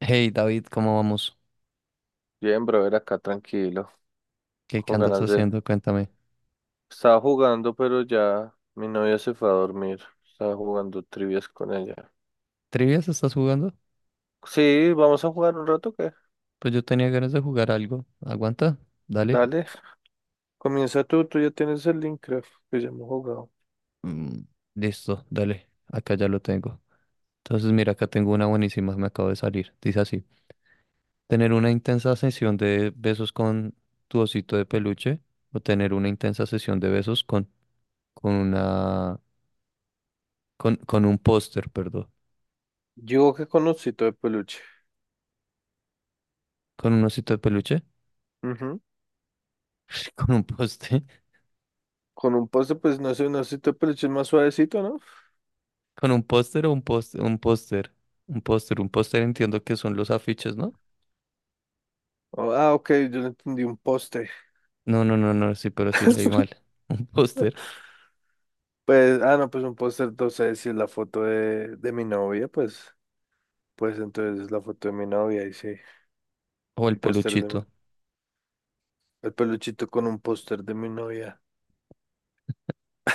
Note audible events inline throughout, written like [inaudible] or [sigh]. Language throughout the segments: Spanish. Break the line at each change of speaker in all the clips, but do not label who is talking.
Hey David, ¿cómo vamos?
Bien, brother, acá tranquilo,
¿Qué
con
andas
ganas de...
haciendo? Cuéntame.
Estaba jugando, pero ya mi novia se fue a dormir. Estaba jugando trivias con ella.
¿Trivias estás jugando?
Sí, vamos a jugar un rato, ¿qué?
Pues yo tenía ganas de jugar algo. ¿Aguanta? Dale.
Dale, comienza tú, ya tienes el Minecraft, que ya hemos jugado.
Mm, listo, dale. Acá ya lo tengo. Entonces mira, acá tengo una buenísima, me acabo de salir. Dice así. Tener una intensa sesión de besos con tu osito de peluche o tener una intensa sesión de besos con una... con un póster, perdón.
Yo que con osito de peluche.
¿Con un osito de peluche?
Ujú.
[laughs] Con un póster.
Con un poste, pues no sé, un osito de peluche es más suavecito, ¿no?
Con un póster o un póster, un póster, un póster, Un póster entiendo que son los afiches, ¿no?
Oh, ah, ok, yo le entendí un poste.
No, no, no, no, sí, pero sí leí
[laughs]
mal. [laughs] Un póster
Pues, no, pues un póster, entonces si es la foto de mi novia, pues, pues entonces es la foto de mi novia y sí,
o el
un póster de...
peluchito.
El peluchito con un póster de mi novia.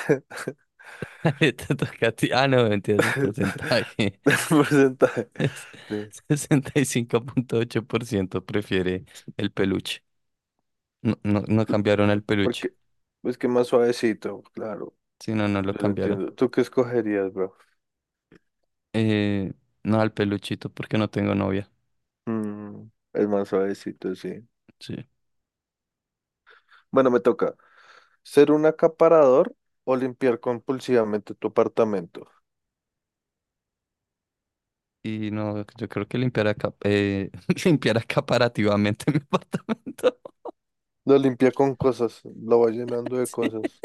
[laughs]
[laughs] Le te toca a ti. Ah, no, mentiras, el porcentaje.
El
[laughs]
porcentaje.
Es
Sí.
65,8% prefiere el peluche. No, no, no cambiaron al peluche.
Porque es que más suavecito, claro.
Sí, no, no lo
Yo lo
cambiaron.
entiendo. ¿Tú qué escogerías, bro?
Eh, no al peluchito porque no tengo novia.
Mm, el más suavecito, sí.
Sí.
Bueno, me toca. ¿Ser un acaparador o limpiar compulsivamente tu apartamento?
Y no, yo creo que limpiar, acá, [laughs] limpiar acaparativamente mi apartamento.
Lo limpia con cosas, lo va llenando de
[laughs]
cosas.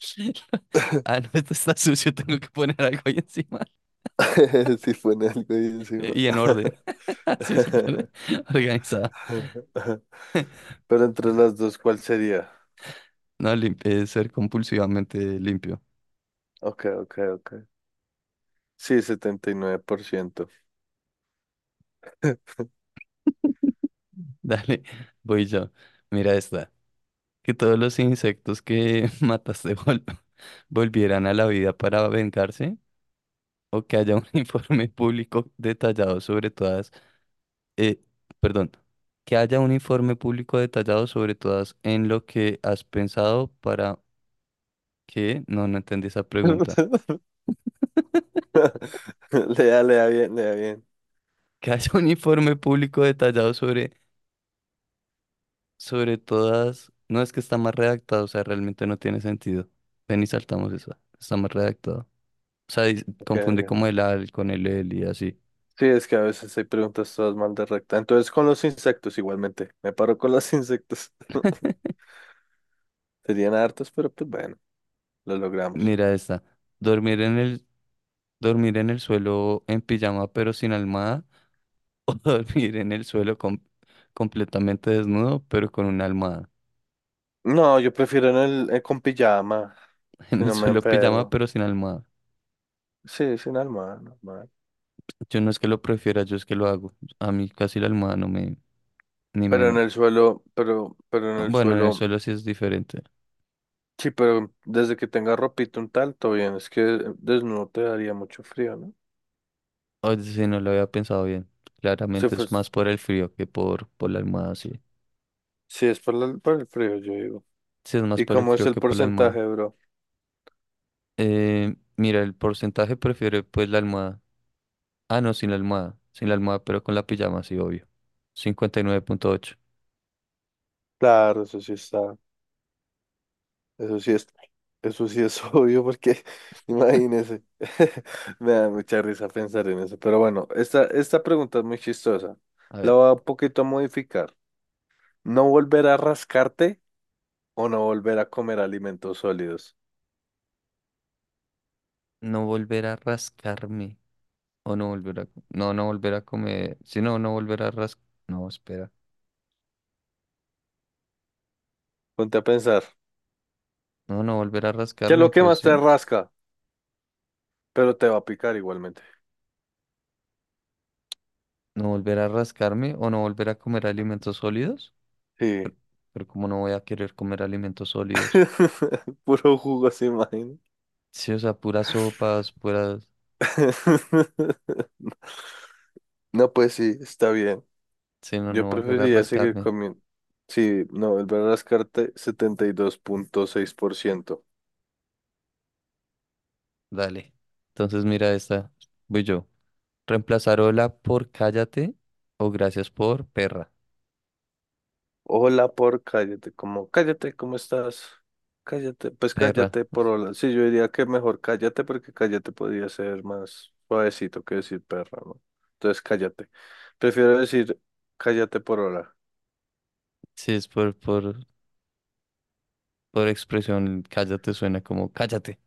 [laughs] Ah, no, esto está sucio, tengo que poner algo ahí encima.
[laughs] Si pone algo ahí encima.
Y en orden. [laughs] Así, súper organizada.
[laughs] Pero entre las dos, ¿cuál sería?
No, ser compulsivamente limpio.
Ok, ok, ok. Sí, 79%. [laughs]
[laughs] Dale, voy yo. Mira esta. Que todos los insectos que [laughs] mataste volvieran a la vida para vengarse. O que haya un [laughs] informe público detallado sobre todas. eh, perdón. Que haya un informe público detallado sobre todas en lo que has pensado para que. No, no entendí esa pregunta.
Le da bien, le da bien.
Que haya un informe público detallado sobre todas. No es que está más redactado, o sea, realmente no tiene sentido. Ven y saltamos eso. Está más redactado. O sea,
Ok,
confunde
ok.
como el al con el y así.
Sí, es que a veces hay preguntas todas mal de recta. Entonces, con los insectos igualmente. Me paro con los insectos. [laughs] Serían hartos, pero pues bueno, lo logramos.
Mira esta. Dormir en el, dormir en el suelo en pijama pero sin almohada [laughs] o dormir en el suelo completamente desnudo pero con una almohada.
No, yo prefiero en el, con pijama,
[laughs]
si
En el
no me
suelo pijama
enfermo.
pero sin almohada.
Sí, sin alma normal.
Yo no es que lo prefiera, yo es que lo hago. A mí casi la almohada no me, ni
Pero en
menos.
el suelo, pero, pero en el
Bueno, en el
suelo,
suelo sí es diferente.
sí, pero desde que tenga ropita un tal, todo bien. Es que desnudo te daría mucho frío, ¿no?
Oye, sí, no lo había pensado bien.
Si
Claramente
fue...
es más por el frío que por la almohada, sí.
Sí, es por, la- por el frío, yo digo.
Sí, es más
¿Y
por el
cómo es
frío
el
que por la almohada.
porcentaje, bro?
Mira, el porcentaje prefiere pues la almohada. Ah, no, sin la almohada. Sin la almohada, pero con la pijama, sí, obvio. 59,8.
Claro, eso sí está. Eso sí es, eso sí es [laughs] obvio, porque [laughs] imagínese. [laughs] Me da mucha risa pensar en eso. Pero bueno, esta pregunta es muy chistosa.
A
La
ver,
voy a un poquito modificar. ¿No volver a rascarte o no volver a comer alimentos sólidos?
no volver a rascarme. O no volver a... No, no volver a comer. Si no, no volver a ras... No, espera.
Ponte a pensar.
No, no volver a
¿Qué es
rascarme,
lo que
pues
más te
sí.
rasca? Pero te va a picar igualmente.
No volver a rascarme o no volver a comer alimentos sólidos.
Sí.
Pero como no voy a querer comer alimentos sólidos.
[laughs] Puro jugo, se imagina.
Sí, o sea, puras sopas, puras...
[laughs] No, pues sí, está bien.
Si no,
Yo
no volver a
preferiría seguir
rascarme.
comiendo. Sí, no, el las cartas 72.6%.
Dale. Entonces mira esta. Voy yo. Reemplazar hola por cállate o gracias por perra.
Hola por cállate, como cállate, ¿cómo estás? Cállate, pues
Perra.
cállate por hola. Sí, yo diría que mejor cállate porque cállate podría ser más suavecito que decir perra, ¿no? Entonces cállate. Prefiero decir cállate por hola. [laughs]
Sí, es por expresión. Cállate suena como cállate.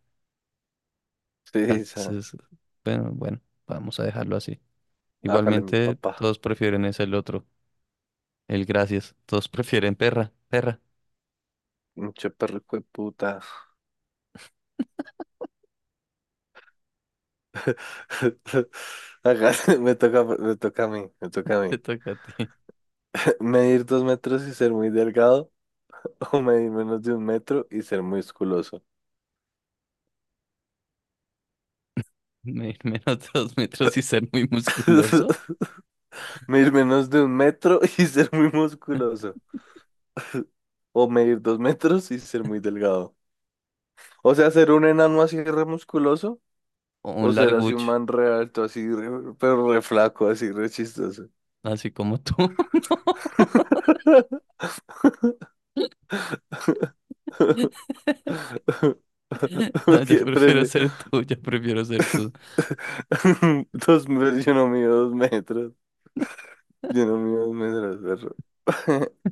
Sí, esa,
Entonces, bueno, bueno, vamos a dejarlo así.
hágale mi
Igualmente,
papá.
todos prefieren es el otro. El gracias. Todos prefieren perra. Perra.
Mucho perro hijo de puta. [laughs] Hágale, me toca, me toca a mí, me toca
[laughs]
a
Te
mí.
toca a ti.
Medir dos metros y ser muy delgado, [laughs] o medir menos de un metro y ser musculoso.
Medir menos [laughs] 2 metros y ser muy musculoso
[laughs] Medir menos de un metro [laughs] y ser muy musculoso, o medir dos metros y ser muy delgado. O sea, ser un enano así re musculoso,
o
o
un
ser así un
largucho,
man re alto, así, re- pero re flaco, así re chistoso.
así como tú.
[laughs]
[laughs] No, yo
¿Qué
prefiero
prefi-?
ser tú, yo prefiero ser tú.
[laughs] Dos metros, yo no mido dos metros. Yo no mido dos metros, perro. [laughs]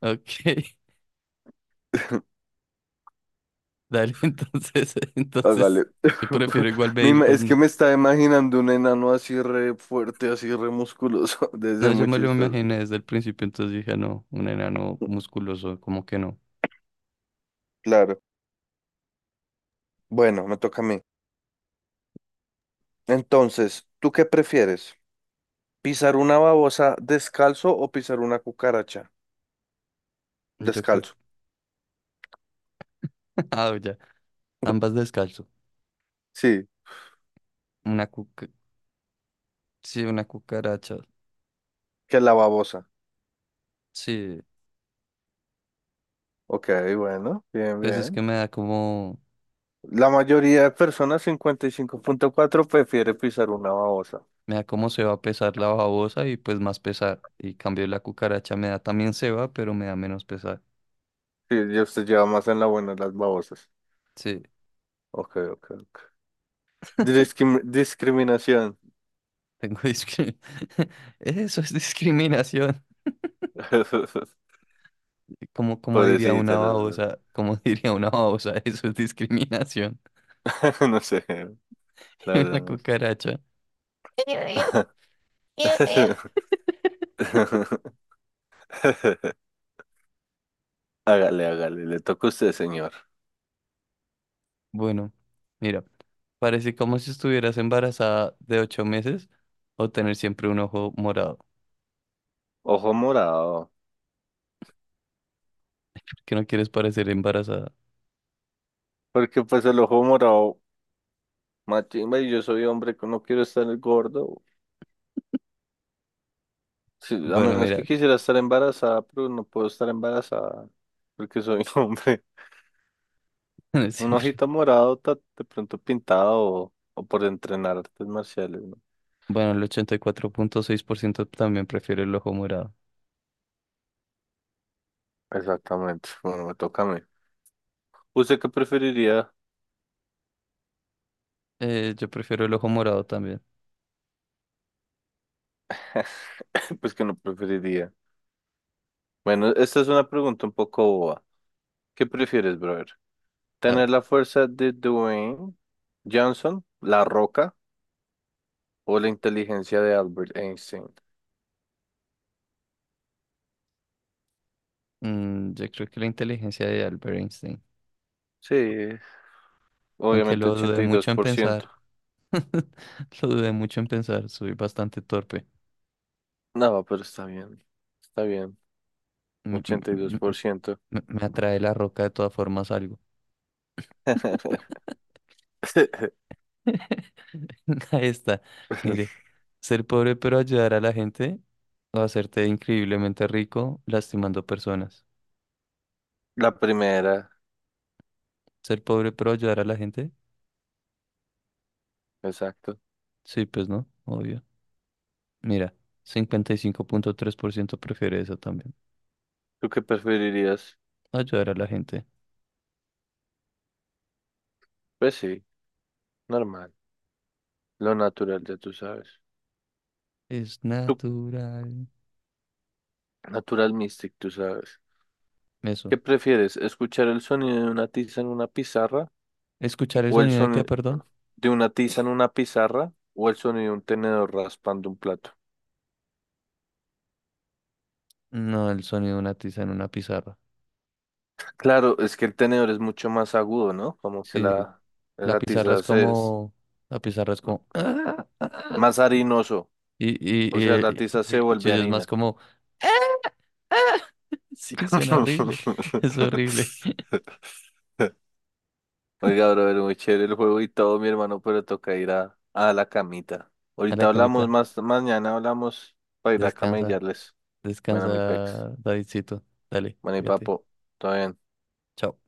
Ok, [laughs] dale, entonces, [laughs] entonces,
Hágale.
yo prefiero
[laughs]
igual
Me
medir
ima-...
dos
Es que me
metros.
estaba imaginando un enano así re fuerte, así re musculoso. [laughs] Debe
No,
ser
yo
muy
me lo
chistoso.
imaginé desde el principio, entonces dije, no, un enano musculoso, como que no.
Claro. Bueno, me toca a mí. Entonces, ¿tú qué prefieres? ¿Pisar una babosa descalzo o pisar una cucaracha?
Yo creo,
Descalzo.
[laughs] ah, ya, ambas descalzo.
Sí,
Una cuca, sí, una cucaracha,
que la babosa.
sí,
Ok, bueno, bien,
pues es que
bien. La mayoría de personas, 55,4% prefiere pisar una babosa.
me da como se va a pesar la babosa y pues más pesar. Y cambio la cucaracha me da también se va, pero me da menos pesar.
Sí, ya usted lleva más en la buena las babosas.
Sí,
Ok, ok, ok. Discrim- discriminación.
tengo discriminación. [laughs] Eso es discriminación.
[laughs]
Como, como diría una
Pobrecita, no
babosa, como [laughs] diría una babosa, eso es discriminación.
sé, [laughs] no sé,
[laughs]
la verdad
Una
no sé.
cucaracha.
[laughs] Hágale, hágale, le toca a usted, señor.
Bueno, mira, parece como si estuvieras embarazada de 8 meses o tener siempre un ojo morado. ¿Por
Ojo morado.
qué no quieres parecer embarazada?
Porque pues el ojo morado, machimba, y yo soy hombre que no quiero estar gordo. Sí, a
Bueno,
menos
mira,
que quisiera estar embarazada, pero no puedo estar embarazada porque soy [laughs] hombre.
[laughs] tener
Un
siempre.
ojito morado, ta-... De pronto pintado o por entrenar artes marciales, ¿no?
Bueno, el 84,6% también prefiere el ojo morado.
Exactamente, bueno, me toca a mí. ¿Usted qué preferiría?
Yo prefiero el ojo morado también.
[laughs] Pues que no preferiría. Bueno, esta es una pregunta un poco boba. ¿Qué prefieres, brother?
A
¿Tener
ver,
la fuerza de Dwayne Johnson, La Roca, o la inteligencia de Albert Einstein?
mm, yo creo que la inteligencia de Albert Einstein.
Sí,
Aunque
obviamente
lo
ochenta
dudé
y
mucho
dos
en
por ciento.
pensar. [laughs] Lo dudé mucho en pensar. Soy bastante torpe.
No, pero está bien. Está bien.
Me, me-
ochenta y dos
me-
por ciento.
me atrae la roca de todas formas algo.
[laughs]
[laughs] Ahí está. Mire, ser pobre pero ayudar a la gente o hacerte increíblemente rico lastimando personas.
La primera,
Ser pobre pero ayudar a la gente.
exacto.
Sí, pues no, obvio. Mira, 55,3% prefiere eso también.
¿Tú qué preferirías?
Ayudar a la gente.
Pues sí, normal. Lo natural, ya tú sabes.
Es
Tú,
natural.
natural mystic, tú sabes.
Eso.
¿Qué prefieres? ¿Escuchar el sonido de una tiza en una pizarra
¿Escuchar el
o el
sonido de qué,
sonido
perdón?
de una tiza en una pizarra o el sonido de un tenedor raspando un plato?
No, el sonido de una tiza en una pizarra.
Claro, es que el tenedor es mucho más agudo, ¿no? Como que
Sí,
la,
la
la
pizarra
tiza
es
se es
como... La pizarra es como... "Ah, ah",
más harinoso, o sea, la tiza
Y
se
el
vuelve
cuchillo es más
harina.
como... "Ah". [laughs] Sí, suena horrible. [laughs]
[laughs]
Es horrible.
Oiga, brother, muy chévere el juego y todo, mi hermano, pero toca ir a la camita.
A la
Ahorita hablamos
camita.
más, mañana hablamos para ir a
Descansa.
camellarles. Bueno, mi pex.
Descansa, Davidcito. Dale,
Bueno, y
cuídate.
papo, todo bien.
Chao.